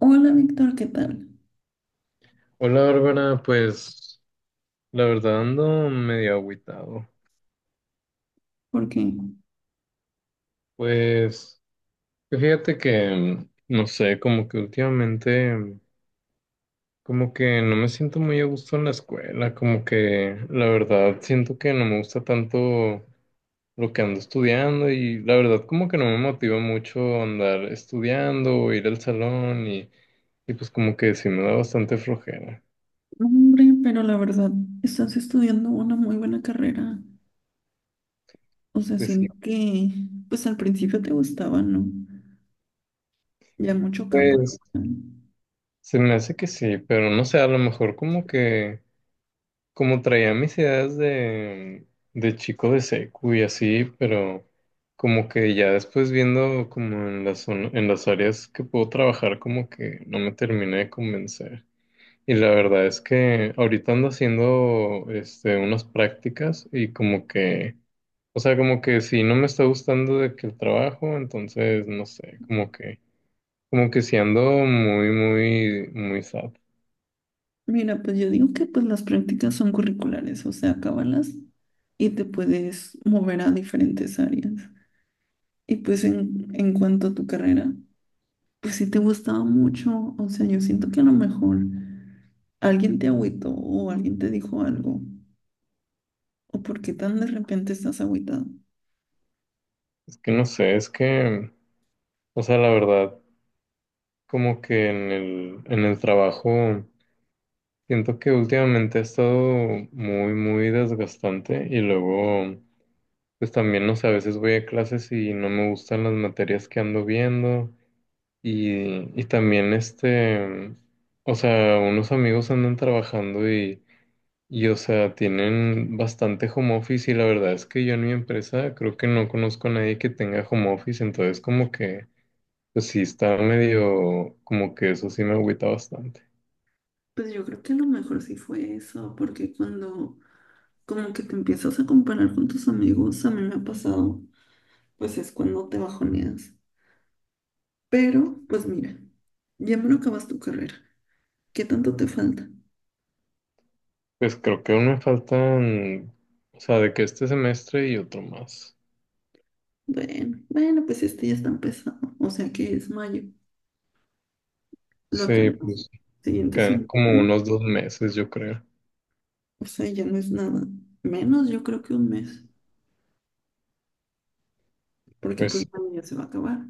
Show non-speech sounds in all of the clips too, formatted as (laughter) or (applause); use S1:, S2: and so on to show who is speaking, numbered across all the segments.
S1: Hola Víctor, ¿qué tal?
S2: Hola Bárbara, pues la verdad ando medio agüitado.
S1: Porque,
S2: Pues fíjate que, no sé, como que últimamente, como que no me siento muy a gusto en la escuela, como que la verdad siento que no me gusta tanto lo que ando estudiando y la verdad como que no me motiva mucho andar estudiando o ir al salón y pues como que sí me da bastante flojera.
S1: hombre, pero la verdad, estás estudiando una muy buena carrera. O sea,
S2: Pues sí,
S1: siento que, pues al principio te gustaba, ¿no? Ya mucho campo
S2: pues
S1: laboral.
S2: se me hace que sí, pero no sé, a lo mejor como que, como traía mis ideas de chico de secu y así, pero como que ya después viendo como en las áreas que puedo trabajar, como que no me terminé de convencer. Y la verdad es que ahorita ando haciendo unas prácticas y como que, o sea, como que si no me está gustando de que el trabajo, entonces no sé, como que si ando muy, muy, muy sad.
S1: Mira, pues yo digo que pues las prácticas son curriculares, o sea, acábalas y te puedes mover a diferentes áreas. Y pues en cuanto a tu carrera, pues sí te gustaba mucho, o sea, yo siento que a lo mejor alguien te agüitó o alguien te dijo algo. ¿O por qué tan de repente estás agüitado?
S2: Es que no sé, es que, o sea, la verdad, como que en el trabajo siento que últimamente ha estado muy, muy desgastante y luego, pues también, no sé, a veces voy a clases y no me gustan las materias que ando viendo y también o sea, unos amigos andan trabajando y, o sea, tienen bastante home office y la verdad es que yo en mi empresa creo que no conozco a nadie que tenga home office, entonces como que, pues sí, está medio, como que eso sí me agüita bastante.
S1: Pues yo creo que a lo mejor sí fue eso, porque cuando como que te empiezas a comparar con tus amigos, a mí me ha pasado, pues es cuando te bajoneas. Pero, pues mira, ya me lo acabas tu carrera. ¿Qué tanto te falta?
S2: Pues creo que aún me faltan, o sea, de que este semestre y otro más.
S1: Bueno, bueno, pues este ya está empezado. O sea que es mayo. Lo
S2: Sí,
S1: acabas.
S2: pues
S1: Siguiente
S2: quedan como
S1: semestre.
S2: unos 2 meses, yo creo.
S1: O sea, ya no es nada. Menos, yo creo que un mes, porque
S2: Pues
S1: pues
S2: sí,
S1: mayo ya se va a acabar.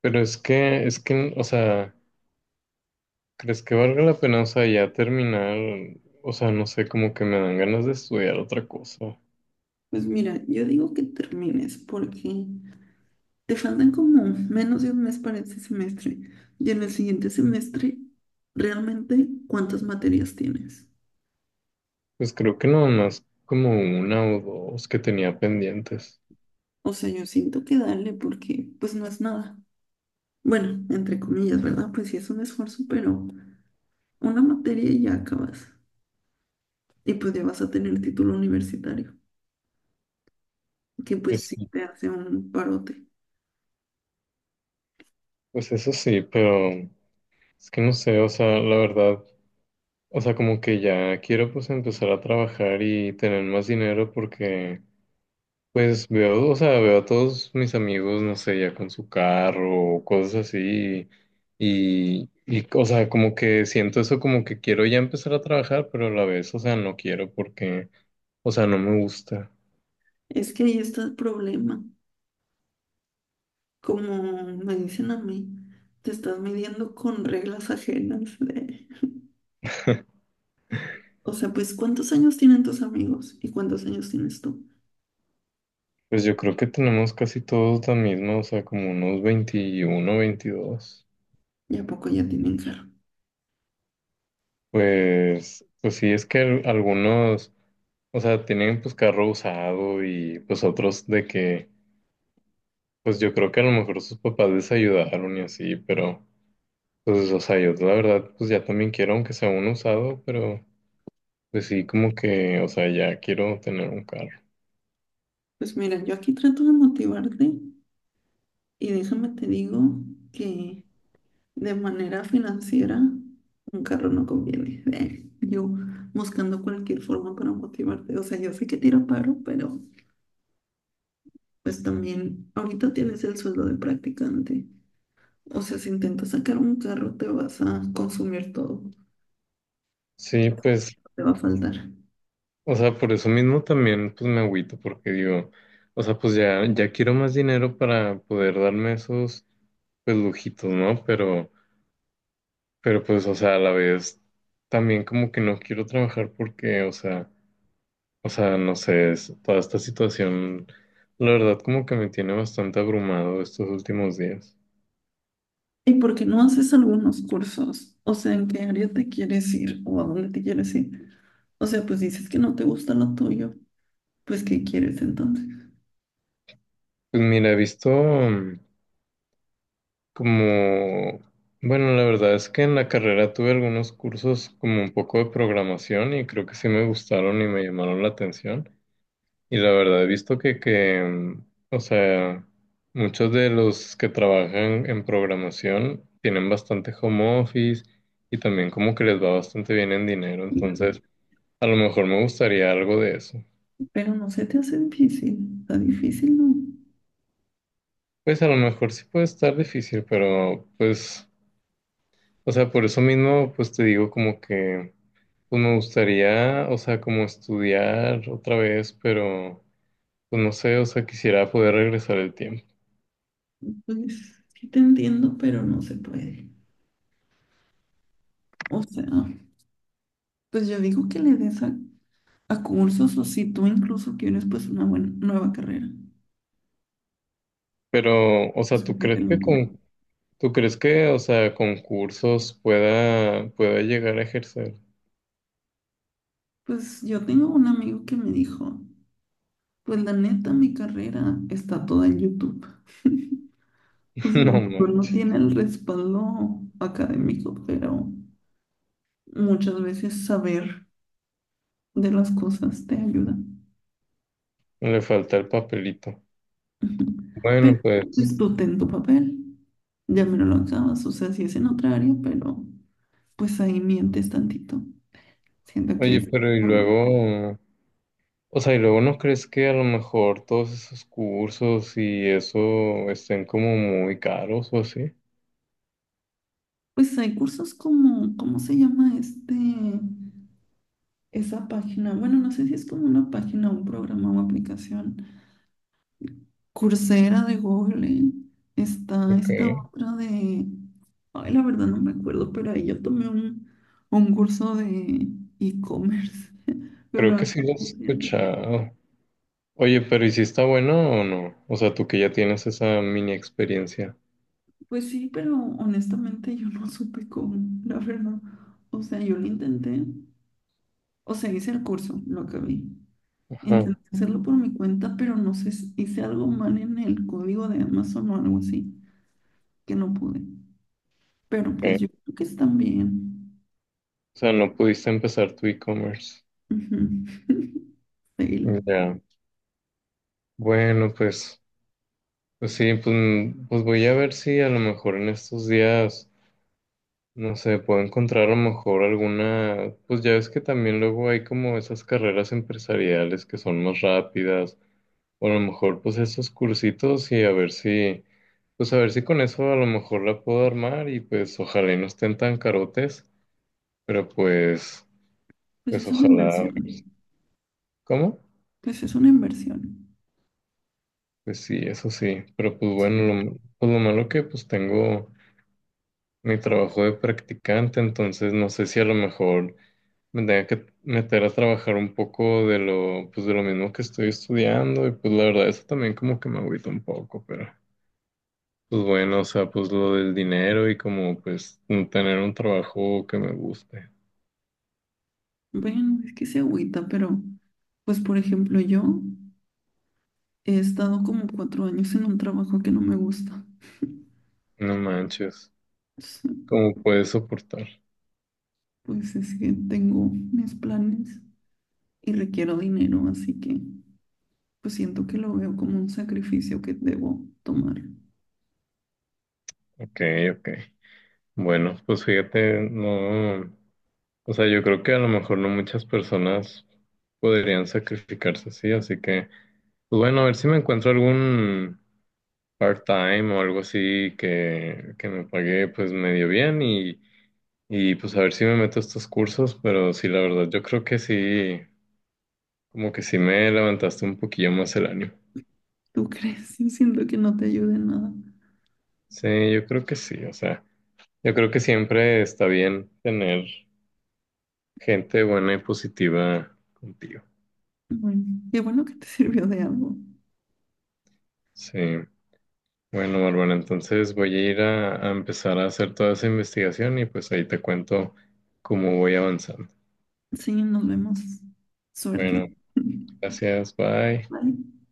S2: pero es que, o sea, ¿crees que valga la pena, o sea, ya terminar? O sea, no sé, como que me dan ganas de estudiar otra cosa.
S1: Pues mira, yo digo que termines porque... Te faltan como menos de un mes para este semestre. Y en el siguiente semestre, ¿realmente cuántas materias tienes?
S2: Pues creo que nada más como una o dos que tenía pendientes.
S1: O sea, yo siento que darle porque pues no es nada. Bueno, entre comillas, ¿verdad? Pues sí es un esfuerzo, pero una materia y ya acabas. Y pues ya vas a tener título universitario, que pues
S2: Pues
S1: sí
S2: sí,
S1: te hace un parote.
S2: pues eso sí, pero es que no sé, o sea, la verdad. O sea, como que ya quiero pues empezar a trabajar y tener más dinero porque pues veo, o sea, veo a todos mis amigos, no sé, ya con su carro o cosas así y, o sea, como que siento eso como que quiero ya empezar a trabajar, pero a la vez, o sea, no quiero porque, o sea, no me gusta.
S1: Es que ahí está el problema. Como me dicen a mí, te estás midiendo con reglas ajenas. (laughs) O sea, pues, ¿cuántos años tienen tus amigos y cuántos años tienes tú?
S2: Pues yo creo que tenemos casi todos la misma, o sea, como unos 21, 22.
S1: ¿Y a poco ya tienen carro?
S2: Pues sí, es que algunos, o sea, tienen pues carro usado y pues otros de que, pues yo creo que a lo mejor sus papás les ayudaron y así, pero pues, o sea, yo la verdad pues ya también quiero, aunque sea uno usado, pero pues sí, como que, o sea, ya quiero tener un carro.
S1: Pues mira, yo aquí trato de motivarte y déjame te digo que de manera financiera un carro no conviene. Yo buscando cualquier forma para motivarte. O sea, yo sé que tira paro, pero pues también ahorita tienes el sueldo de practicante. O sea, si intentas sacar un carro te vas a consumir todo.
S2: Sí, pues,
S1: Te va a faltar.
S2: o sea, por eso mismo también pues me agüito porque digo, o sea, pues ya, ya quiero más dinero para poder darme esos pues lujitos, ¿no? Pero pues, o sea, a la vez también como que no quiero trabajar porque, o sea... o sea, no sé, toda esta situación, la verdad, como que me tiene bastante abrumado estos últimos días.
S1: ¿Y por qué no haces algunos cursos? O sea, ¿en qué área te quieres ir o a dónde te quieres ir? O sea, pues dices que no te gusta lo tuyo, pues ¿qué quieres entonces?
S2: Pues mira, he visto como, bueno, la verdad es que en la carrera tuve algunos cursos como un poco de programación y creo que sí me gustaron y me llamaron la atención. Y la verdad he visto que, o sea, muchos de los que trabajan en programación tienen bastante home office y también como que les va bastante bien en dinero.
S1: Y
S2: Entonces, a lo mejor me gustaría algo de eso.
S1: pero no se te hace difícil, está difícil, ¿no?
S2: Pues a lo mejor sí puede estar difícil, pero pues, o sea, por eso mismo, pues te digo como que, pues me gustaría, o sea, como estudiar otra vez, pero pues no sé, o sea, quisiera poder regresar el tiempo.
S1: Pues sí te entiendo, pero no se puede. O sea, pues yo digo que le des a cursos o si tú incluso quieres pues una buena, nueva carrera.
S2: Pero, o
S1: O
S2: sea,
S1: sea,
S2: ¿tú
S1: que te
S2: crees
S1: lo
S2: que,
S1: piden.
S2: o sea, con cursos pueda llegar a ejercer?
S1: Pues yo tengo un amigo que me dijo, pues la neta mi carrera está toda en YouTube. (laughs) O sea,
S2: (laughs)
S1: a
S2: No
S1: lo mejor no
S2: manches,
S1: tiene el respaldo académico, pero muchas veces saber de las cosas te ayuda. (laughs)
S2: le falta el papelito.
S1: Ujú. Pero
S2: Bueno, pues
S1: pues, tú ten tu papel, ya me lo acabas, o sea, si es en otra área, pero pues ahí mientes tantito. Siento que
S2: oye,
S1: es...
S2: pero y
S1: normal.
S2: luego, o sea, y luego no crees que a lo mejor todos esos cursos y eso estén como muy caros o así.
S1: Pues hay cursos como, ¿cómo se llama este, esa página? Bueno, no sé si es como una página, un programa o aplicación. Coursera de Google, ¿eh? Está
S2: Ok,
S1: esta otra de, ay, la verdad no me acuerdo, pero ahí yo tomé un curso de e-commerce, (laughs) pero
S2: creo
S1: no
S2: que
S1: sé
S2: sí lo he
S1: cómo se llama.
S2: escuchado. Oye, pero ¿y si está bueno o no? O sea, tú que ya tienes esa mini experiencia.
S1: Pues sí, pero honestamente yo no supe cómo, la verdad, o sea, yo lo intenté, o sea, hice el curso, lo acabé,
S2: Ajá,
S1: intenté hacerlo por mi cuenta, pero no sé, si hice algo mal en el código de Amazon o algo así, que no pude, pero pues yo
S2: ok.
S1: creo que están bien.
S2: O sea, no pudiste empezar tu e-commerce.
S1: Ujú. (laughs) Sí,
S2: Ya. Bueno, pues, pues sí, pues, pues voy a ver si a lo mejor en estos días. No sé, puedo encontrar a lo mejor alguna, pues ya ves que también luego hay como esas carreras empresariales que son más rápidas, o a lo mejor pues esos cursitos y a ver si, pues a ver si con eso a lo mejor la puedo armar y pues ojalá y no estén tan carotes, pero pues,
S1: pues
S2: pues
S1: es una
S2: ojalá.
S1: inversión,
S2: ¿Cómo?
S1: pues es una inversión.
S2: Pues sí, eso sí, pero pues
S1: O sea,
S2: bueno, lo malo que pues tengo mi trabajo de practicante, entonces no sé si a lo mejor me tenía que meter a trabajar un poco de lo, pues de lo mismo que estoy estudiando y pues la verdad eso también como que me agüita un poco, pero pues bueno, o sea, pues lo del dinero y como pues tener un trabajo que me guste.
S1: bueno, es que se agüita, pero pues por ejemplo yo he estado como 4 años en un trabajo que no me gusta.
S2: No manches,
S1: Entonces,
S2: ¿cómo puedes soportar?
S1: pues es que tengo mis planes y requiero dinero, así que pues siento que lo veo como un sacrificio que debo tomar.
S2: Ok, ok. Bueno, pues fíjate, no, o sea, yo creo que a lo mejor no muchas personas podrían sacrificarse así, así que, pues bueno, a ver si me encuentro algún part-time o algo así que me pagué pues medio bien y pues a ver si me meto a estos cursos, pero sí, la verdad, yo creo que sí, como que sí me levantaste un poquillo más el ánimo.
S1: ¿Tú crees? Yo siento que no te ayude en nada.
S2: Sí, yo creo que sí, o sea, yo creo que siempre está bien tener gente buena y positiva contigo.
S1: Bueno, qué bueno que te (laughs) sirvió de algo.
S2: Sí, bueno, Bárbara, entonces voy a ir a empezar a hacer toda esa investigación y pues ahí te cuento cómo voy avanzando.
S1: Sí, nos vemos. Suerte.
S2: Bueno,
S1: (laughs)
S2: gracias, bye.
S1: Bye.